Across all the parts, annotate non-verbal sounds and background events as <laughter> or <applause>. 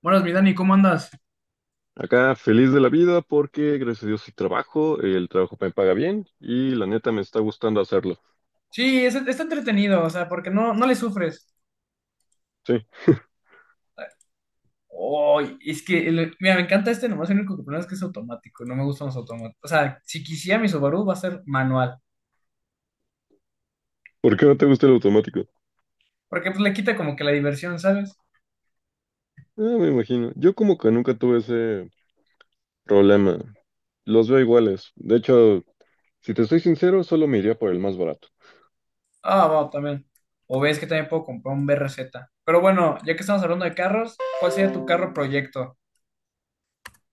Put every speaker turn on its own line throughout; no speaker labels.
Buenas, mi Dani, ¿cómo andas?
Acá feliz de la vida porque gracias a Dios sí trabajo, el trabajo me paga bien y la neta me está gustando hacerlo.
Sí, está entretenido, o sea, porque no, no le sufres.
Sí.
Ay, es que, mira, me encanta este, nomás el único que problema es que es automático, no me gustan los automáticos. O sea, si quisiera mi Subaru va a ser manual,
¿Por qué no te gusta el automático?
porque pues le quita como que la diversión, ¿sabes?
Ah, me imagino. Yo como que nunca tuve ese problema. Los veo iguales. De hecho, si te soy sincero, solo me iría por el más barato.
Ah, va, también. O ves que también puedo comprar un BRZ. Pero bueno, ya que estamos hablando de carros, ¿cuál sería tu carro proyecto?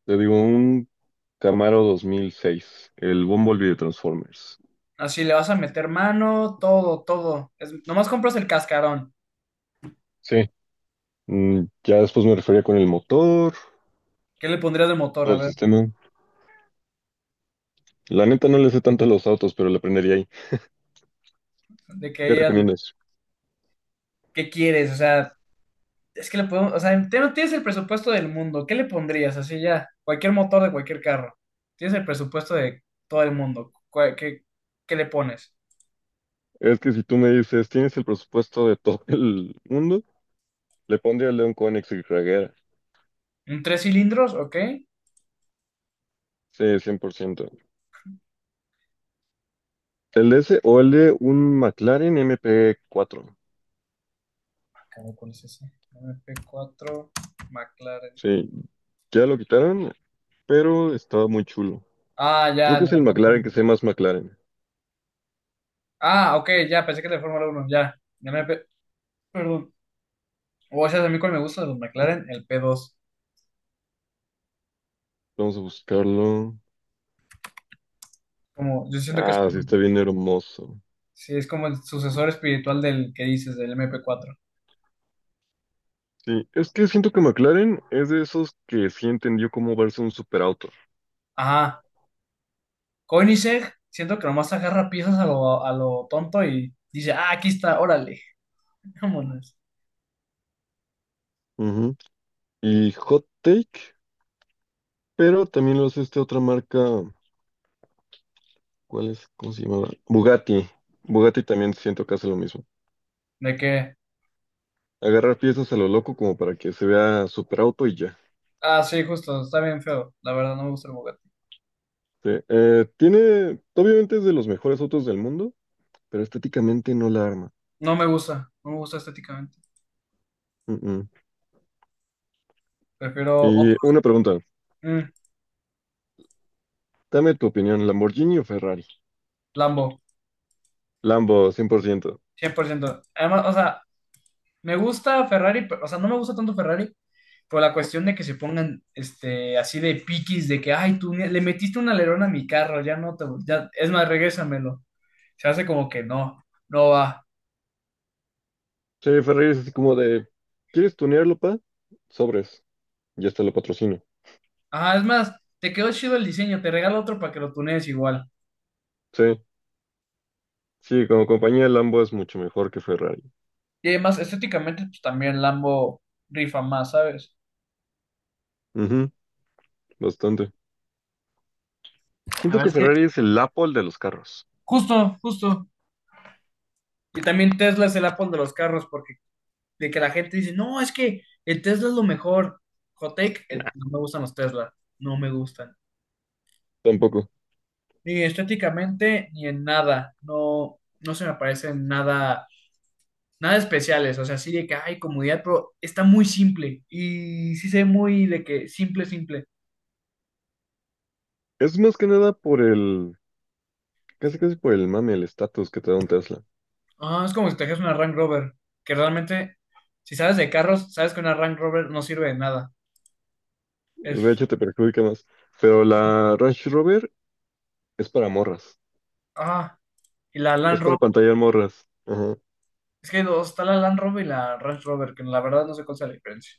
Te digo, un Camaro 2006, el Bumblebee de Transformers.
Así le vas a meter mano, todo, todo. Es, nomás compras el cascarón.
Sí. Ya después me refería con el motor,
¿Qué le pondrías de motor?
todo
A
el
ver,
sistema. La neta no le sé tanto a los autos, pero le aprendería ahí.
de que
¿Qué
qué,
recomiendas?
qué quieres, o sea. Es que le podemos, o sea, no tienes el presupuesto del mundo, ¿qué le pondrías? Así ya, cualquier motor de cualquier carro. Tienes el presupuesto de todo el mundo. ¿Qué le pones?
Es que si tú me dices, tienes el presupuesto de todo el mundo, le pondría el de un Koenigsegg Regera.
¿Un tres cilindros? ¿Ok? Ah,
Sí, 100%. El de ese o el de un McLaren MP4.
caray, ¿cuál es ese? MP4 McLaren.
Sí, ya lo quitaron, pero estaba muy chulo.
Ah,
Creo
ya,
que
la
es el
Fórmula
McLaren que
uno.
se llama más McLaren.
Ah, ok, ya, pensé que era de Fórmula 1, ya. Perdón. O sea, a mí cuál me gusta de los McLaren, el P2.
Vamos a buscarlo.
Como, yo siento que es,
Ah, sí, está bien hermoso.
sí, es como el sucesor espiritual del que dices, del MP4.
Sí, es que siento que McLaren es de esos que sí entendió cómo verse un superauto.
Ajá. Koenigsegg, siento que nomás agarra piezas a lo tonto y dice, ah, aquí está, órale, <laughs> vámonos.
Ujú. Y Hot Take, pero también lo hace esta otra marca. ¿Cuál es? ¿Cómo se llamaba? Bugatti. Bugatti también siento que hace lo mismo.
De qué
Agarrar piezas a lo loco como para que se vea super auto y ya.
ah, sí, justo, está bien feo. La verdad, no me gusta el Bugatti.
Sí, tiene, obviamente es de los mejores autos del mundo, pero estéticamente no la arma.
No me gusta, no me gusta estéticamente.
Mm, mm.
Prefiero otro.
Y una pregunta,
Mm,
dame tu opinión, ¿Lamborghini o Ferrari?
Lambo,
Lambo, 100%.
100%. Además, o sea, me gusta Ferrari, o sea, no me gusta tanto Ferrari por la cuestión de que se pongan este, así de piquis, de que, ay, tú le metiste un alerón a mi carro, ya no te, ya, es más, regrésamelo. Se hace como que no, no va.
Sí, Ferrari es así como de, ¿quieres tunearlo, pa? Sobres, ya hasta lo patrocino.
Ajá, es más, te quedó chido el diseño, te regalo otro para que lo tunees igual.
Sí, sí, como compañía Lambo es mucho mejor que Ferrari.
Y además, estéticamente, pues también Lambo rifa más, ¿sabes?
Ujú, bastante.
La
Siento
verdad
que
es que
Ferrari es el Apple de los carros.
Justo, justo. Y también Tesla es el Apple de los carros, porque de que la gente dice, no, es que el Tesla es lo mejor. Hot take,
Nah,
no me gustan los Tesla, no me gustan.
tampoco.
Ni estéticamente, ni en nada. No, no se me parecen nada, nada especiales. O sea, sí de que hay comodidad, pero está muy simple. Y sí se ve muy de que simple, simple.
Es más que nada por el, casi casi por el mame, el estatus que te da un Tesla.
Ah, es como si trajeras una Range Rover, que realmente, si sabes de carros, sabes que una Range Rover no sirve de nada.
De
Es,
hecho, te perjudica más. Pero la Range Rover es para morras.
ah, y la Land
Es para
Rover,
pantallar morras. Ajá.
es que hay dos, está la Land Rover y la Range Rover, que la verdad no sé cuál es la diferencia.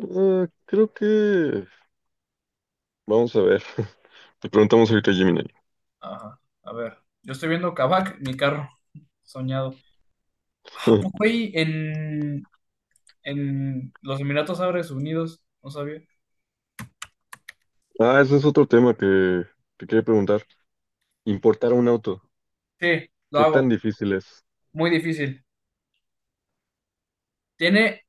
Ah, creo que... Vamos a ver. <laughs> Le preguntamos ahorita a Gemini.
Ajá, a ver, yo estoy viendo Kavak, mi carro, soñado. Ah, ¿a poco
<laughs>
ahí en los Emiratos Árabes Unidos? No sabía.
Ah, ese es otro tema que te quería preguntar. Importar un auto.
Sí, lo
¿Qué
hago,
tan difícil es?
muy difícil. Tiene,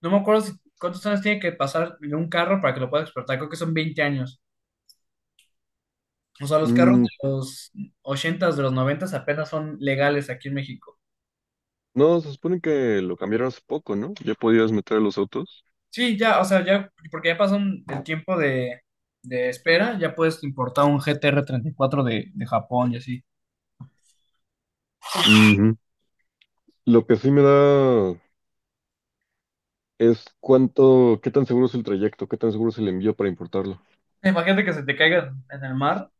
no me acuerdo cuántos años tiene que pasar en un carro para que lo puedas exportar, creo que son 20 años. O sea, los carros
Mm,
de los ochentas, de los noventas apenas son legales aquí en México.
no, se supone que lo cambiaron hace poco, ¿no? Ya podías meter los autos.
Sí, ya, o sea, ya, porque ya pasó el tiempo de espera, ya puedes importar un GTR cuatro de Japón y así.
Ujú. Lo que sí me da es cuánto, qué tan seguro es el trayecto, qué tan seguro es el envío para importarlo.
Imagínate que se te caiga en el mar.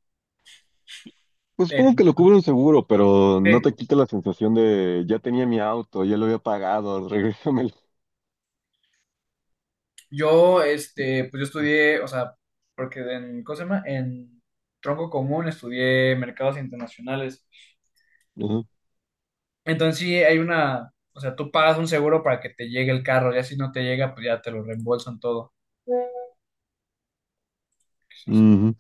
Pues
eh,
supongo que lo cubre un seguro, pero no te
sí.
quita la sensación de ya tenía mi auto, ya lo había pagado, <laughs> regrésamelo.
Yo, este, pues yo estudié, o sea, porque en, ¿cómo se llama? En tronco común estudié mercados internacionales.
Ajá.
Entonces sí hay una, o sea, tú pagas un seguro para que te llegue el carro, ya si no te llega, pues ya te lo reembolsan todo. Pues, este,
Ujú.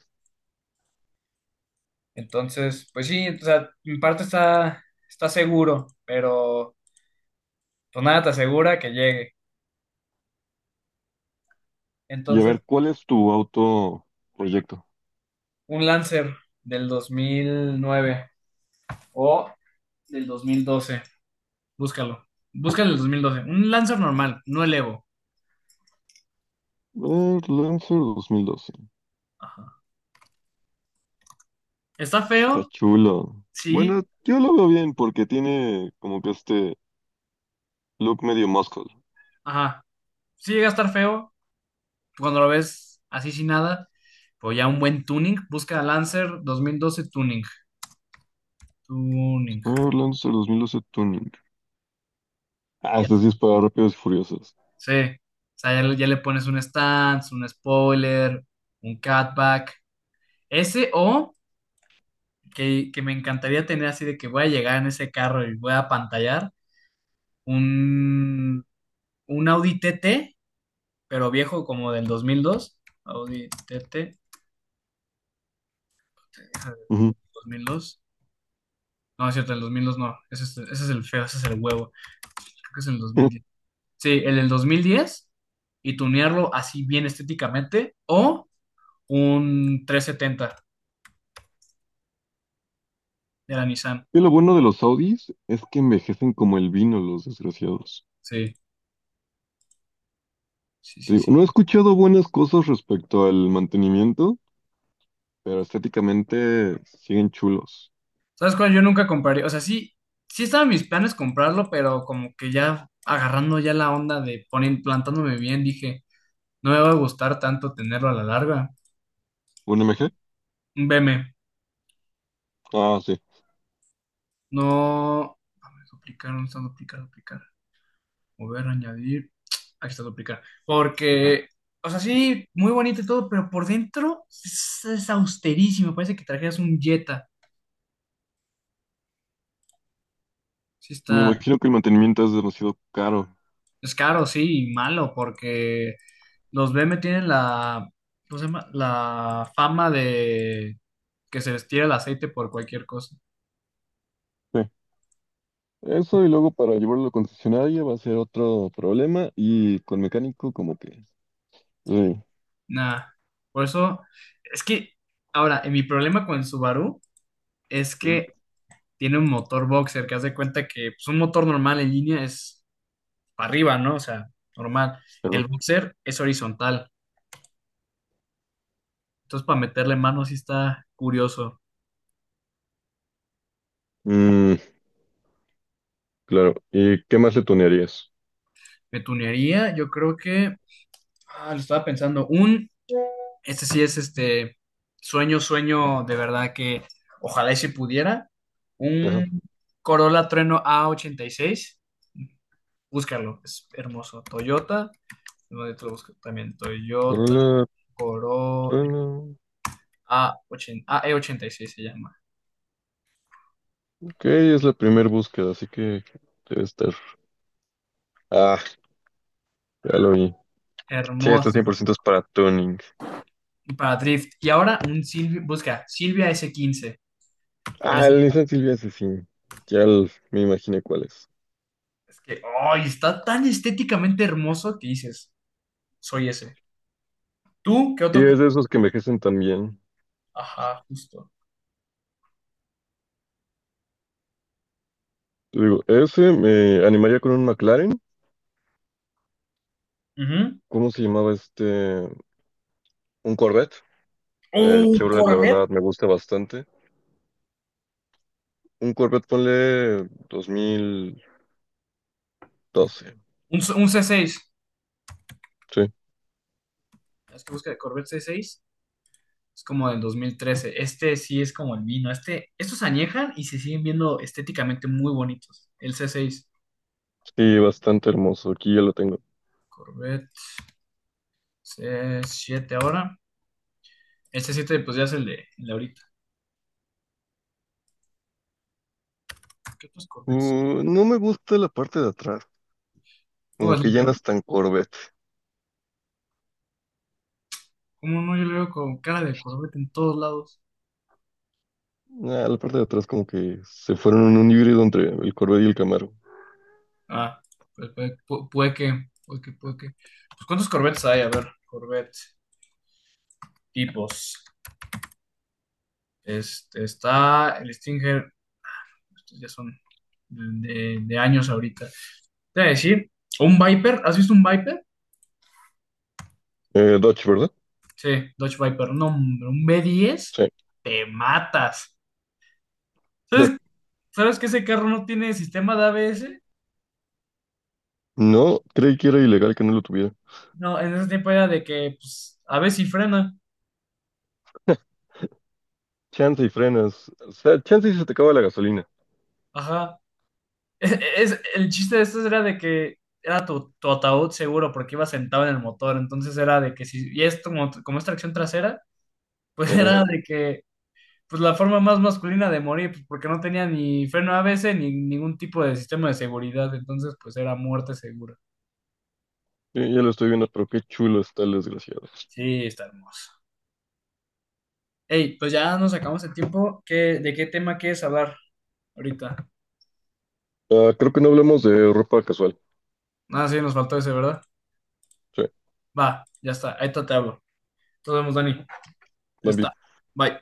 entonces, pues sí, o sea, en parte está seguro, pero pues nada te asegura que llegue.
Y a
Entonces,
ver, ¿cuál es tu auto proyecto?
un Lancer del 2009 o del 2012, búscalo. Búscalo del 2012. Un Lancer normal, no el Evo.
Lancer 2012.
¿Está
Está
feo?
chulo.
Sí,
Bueno, yo lo veo bien porque tiene como que este look medio muscle.
ajá. Sí llega a estar feo cuando lo ves así sin nada, pues ya un buen tuning. Busca Lancer 2012 tuning. Tuning.
A ver, Lancer 2012 Tuning. Ah, este sí es para rápidos y furiosos.
Sí, o sea, ya le pones un stance, un spoiler, un cutback. Ese o que me encantaría tener así de que voy a llegar en ese carro y voy a pantallar un, un Audi TT, pero viejo como del 2002. Audi TT, déjame ver,
Ujú.
2002. No, es cierto, el 2002 no. Ese es el feo, ese es el huevo. Creo que es el 2010.
<laughs>
Sí, el del 2010 y tunearlo así bien estéticamente o un 370 de la Nissan.
Y lo bueno de los Audis es que envejecen como el vino, los desgraciados.
Sí, sí,
Te
sí,
digo,
sí.
no he escuchado buenas cosas respecto al mantenimiento, pero estéticamente siguen chulos.
¿Sabes cuál? Yo nunca compraría, o sea, sí, sí estaban mis planes comprarlo, pero como que ya agarrando ya la onda de poner, plantándome bien, dije, no me va a gustar tanto tenerlo a la larga.
¿Un m MG?
Un BM,
Ah, sí.
no, a ver, duplicar, ¿dónde está duplicar, duplicar? Mover, añadir, <tsk> aquí está duplicar. Porque, o sea, sí, muy bonito y todo, pero por dentro es austerísimo, parece que trajeras un Jetta. Sí
Me
está,
imagino que el mantenimiento es demasiado caro.
es caro, sí, y malo, porque... Los B M tienen la, ¿cómo se llama? La fama de que se les tira el aceite por cualquier cosa.
Sí. Eso y luego para llevarlo al concesionario va a ser otro problema y con mecánico como que... Sí.
Nah, por eso, es que, ahora, mi problema con el Subaru es
Mm,
que tiene un motor boxer, que haz de cuenta que pues, un motor normal en línea es para arriba, ¿no? O sea, normal.
perdón.
El boxer es horizontal. Entonces, para meterle mano sí está curioso.
Mm, claro. ¿Y qué más le tunearías?
Me tunearía, yo creo que, ah, lo estaba pensando, un este sí es este sueño, sueño de verdad que ojalá y si pudiera.
Ajá.
Un Corolla Trueno a 86. Búscalo, es hermoso. Toyota, no, yo te lo busco también. Toyota
Corolla,
Corolla
Trueno.
a AE86 se llama.
Ok, es la primera búsqueda, así que debe estar. Ah, ya lo vi. Sí, estos cien
Hermoso.
por ciento es para tuning.
Para Drift. Y ahora un Silvia, busca Silvia S15 o el
Ah, el Nissan Silvia, ese sí. Ya el- me imaginé cuál es.
Es que, ay, está tan estéticamente hermoso que dices, soy ese. ¿Tú qué
Sí,
otro?
es de esos que envejecen tan bien.
Ajá, justo.
Te digo, ese me animaría con un McLaren.
Ujú.
¿Cómo se llamaba este? Un Corvette.
Un
Chevrolet, la
Corvette.
verdad, me gusta bastante. Un Corvette, ponle 2012.
Un C6.
Sí,
Es que busca de Corvette C6. Es como del 2013. Este sí es como el vino. Estos añejan y se siguen viendo estéticamente muy bonitos. El C6.
sí, bastante hermoso. Aquí ya lo tengo.
Corvette C7 ahora. El C7 pues ya es el de ahorita. ¿Qué otros Corvettes?
No me gusta la parte de atrás.
No,
Como que ya no
que-
es tan...
¿cómo no? Yo le veo con cara de Corvette en todos lados.
Ah, la parte de atrás como que se fueron en un híbrido entre el Corvette y el Camaro.
Ah, pues puede, puede que, puede que, puede que. Pues ¿cuántos Corvettes hay? A ver, Corvette tipos. Este, está el Stinger, ya son de años ahorita. Te voy a decir, un Viper, ¿has visto un Viper?
Dodge, ¿verdad?
Sí, Dodge Viper, no, hombre, un B10,
Sí.
te matas. ¿Sabes,
<laughs>
sabes que ese carro no tiene sistema de ABS?
No, creí que era ilegal que no lo tuviera.
No, en ese tiempo era de que, pues, a veces sí frena,
Chance y frenas. O sea, chance y se te acaba la gasolina.
ajá. <laughs> El chiste de estos era de que era tu ataúd seguro porque iba sentado en el motor, entonces era de que si, y esto como es tracción trasera, pues <laughs>
Ajá.
era de que pues la forma más masculina de morir, pues porque no tenía ni freno ABS ni ningún tipo de sistema de seguridad, entonces pues era muerte segura.
Ya, ya lo estoy viendo, pero qué chulo está el desgraciado.
Sí, está hermoso. Ey, pues ya nos acabamos el tiempo. ¿De qué tema quieres hablar ahorita?
Ah, creo que no hablamos de ropa casual.
Ah, sí, nos faltó ese, ¿verdad?
Sí,
Va, ya está, ahí te hablo. Nos vemos, Dani. Ya
Bambi.
está. Bye.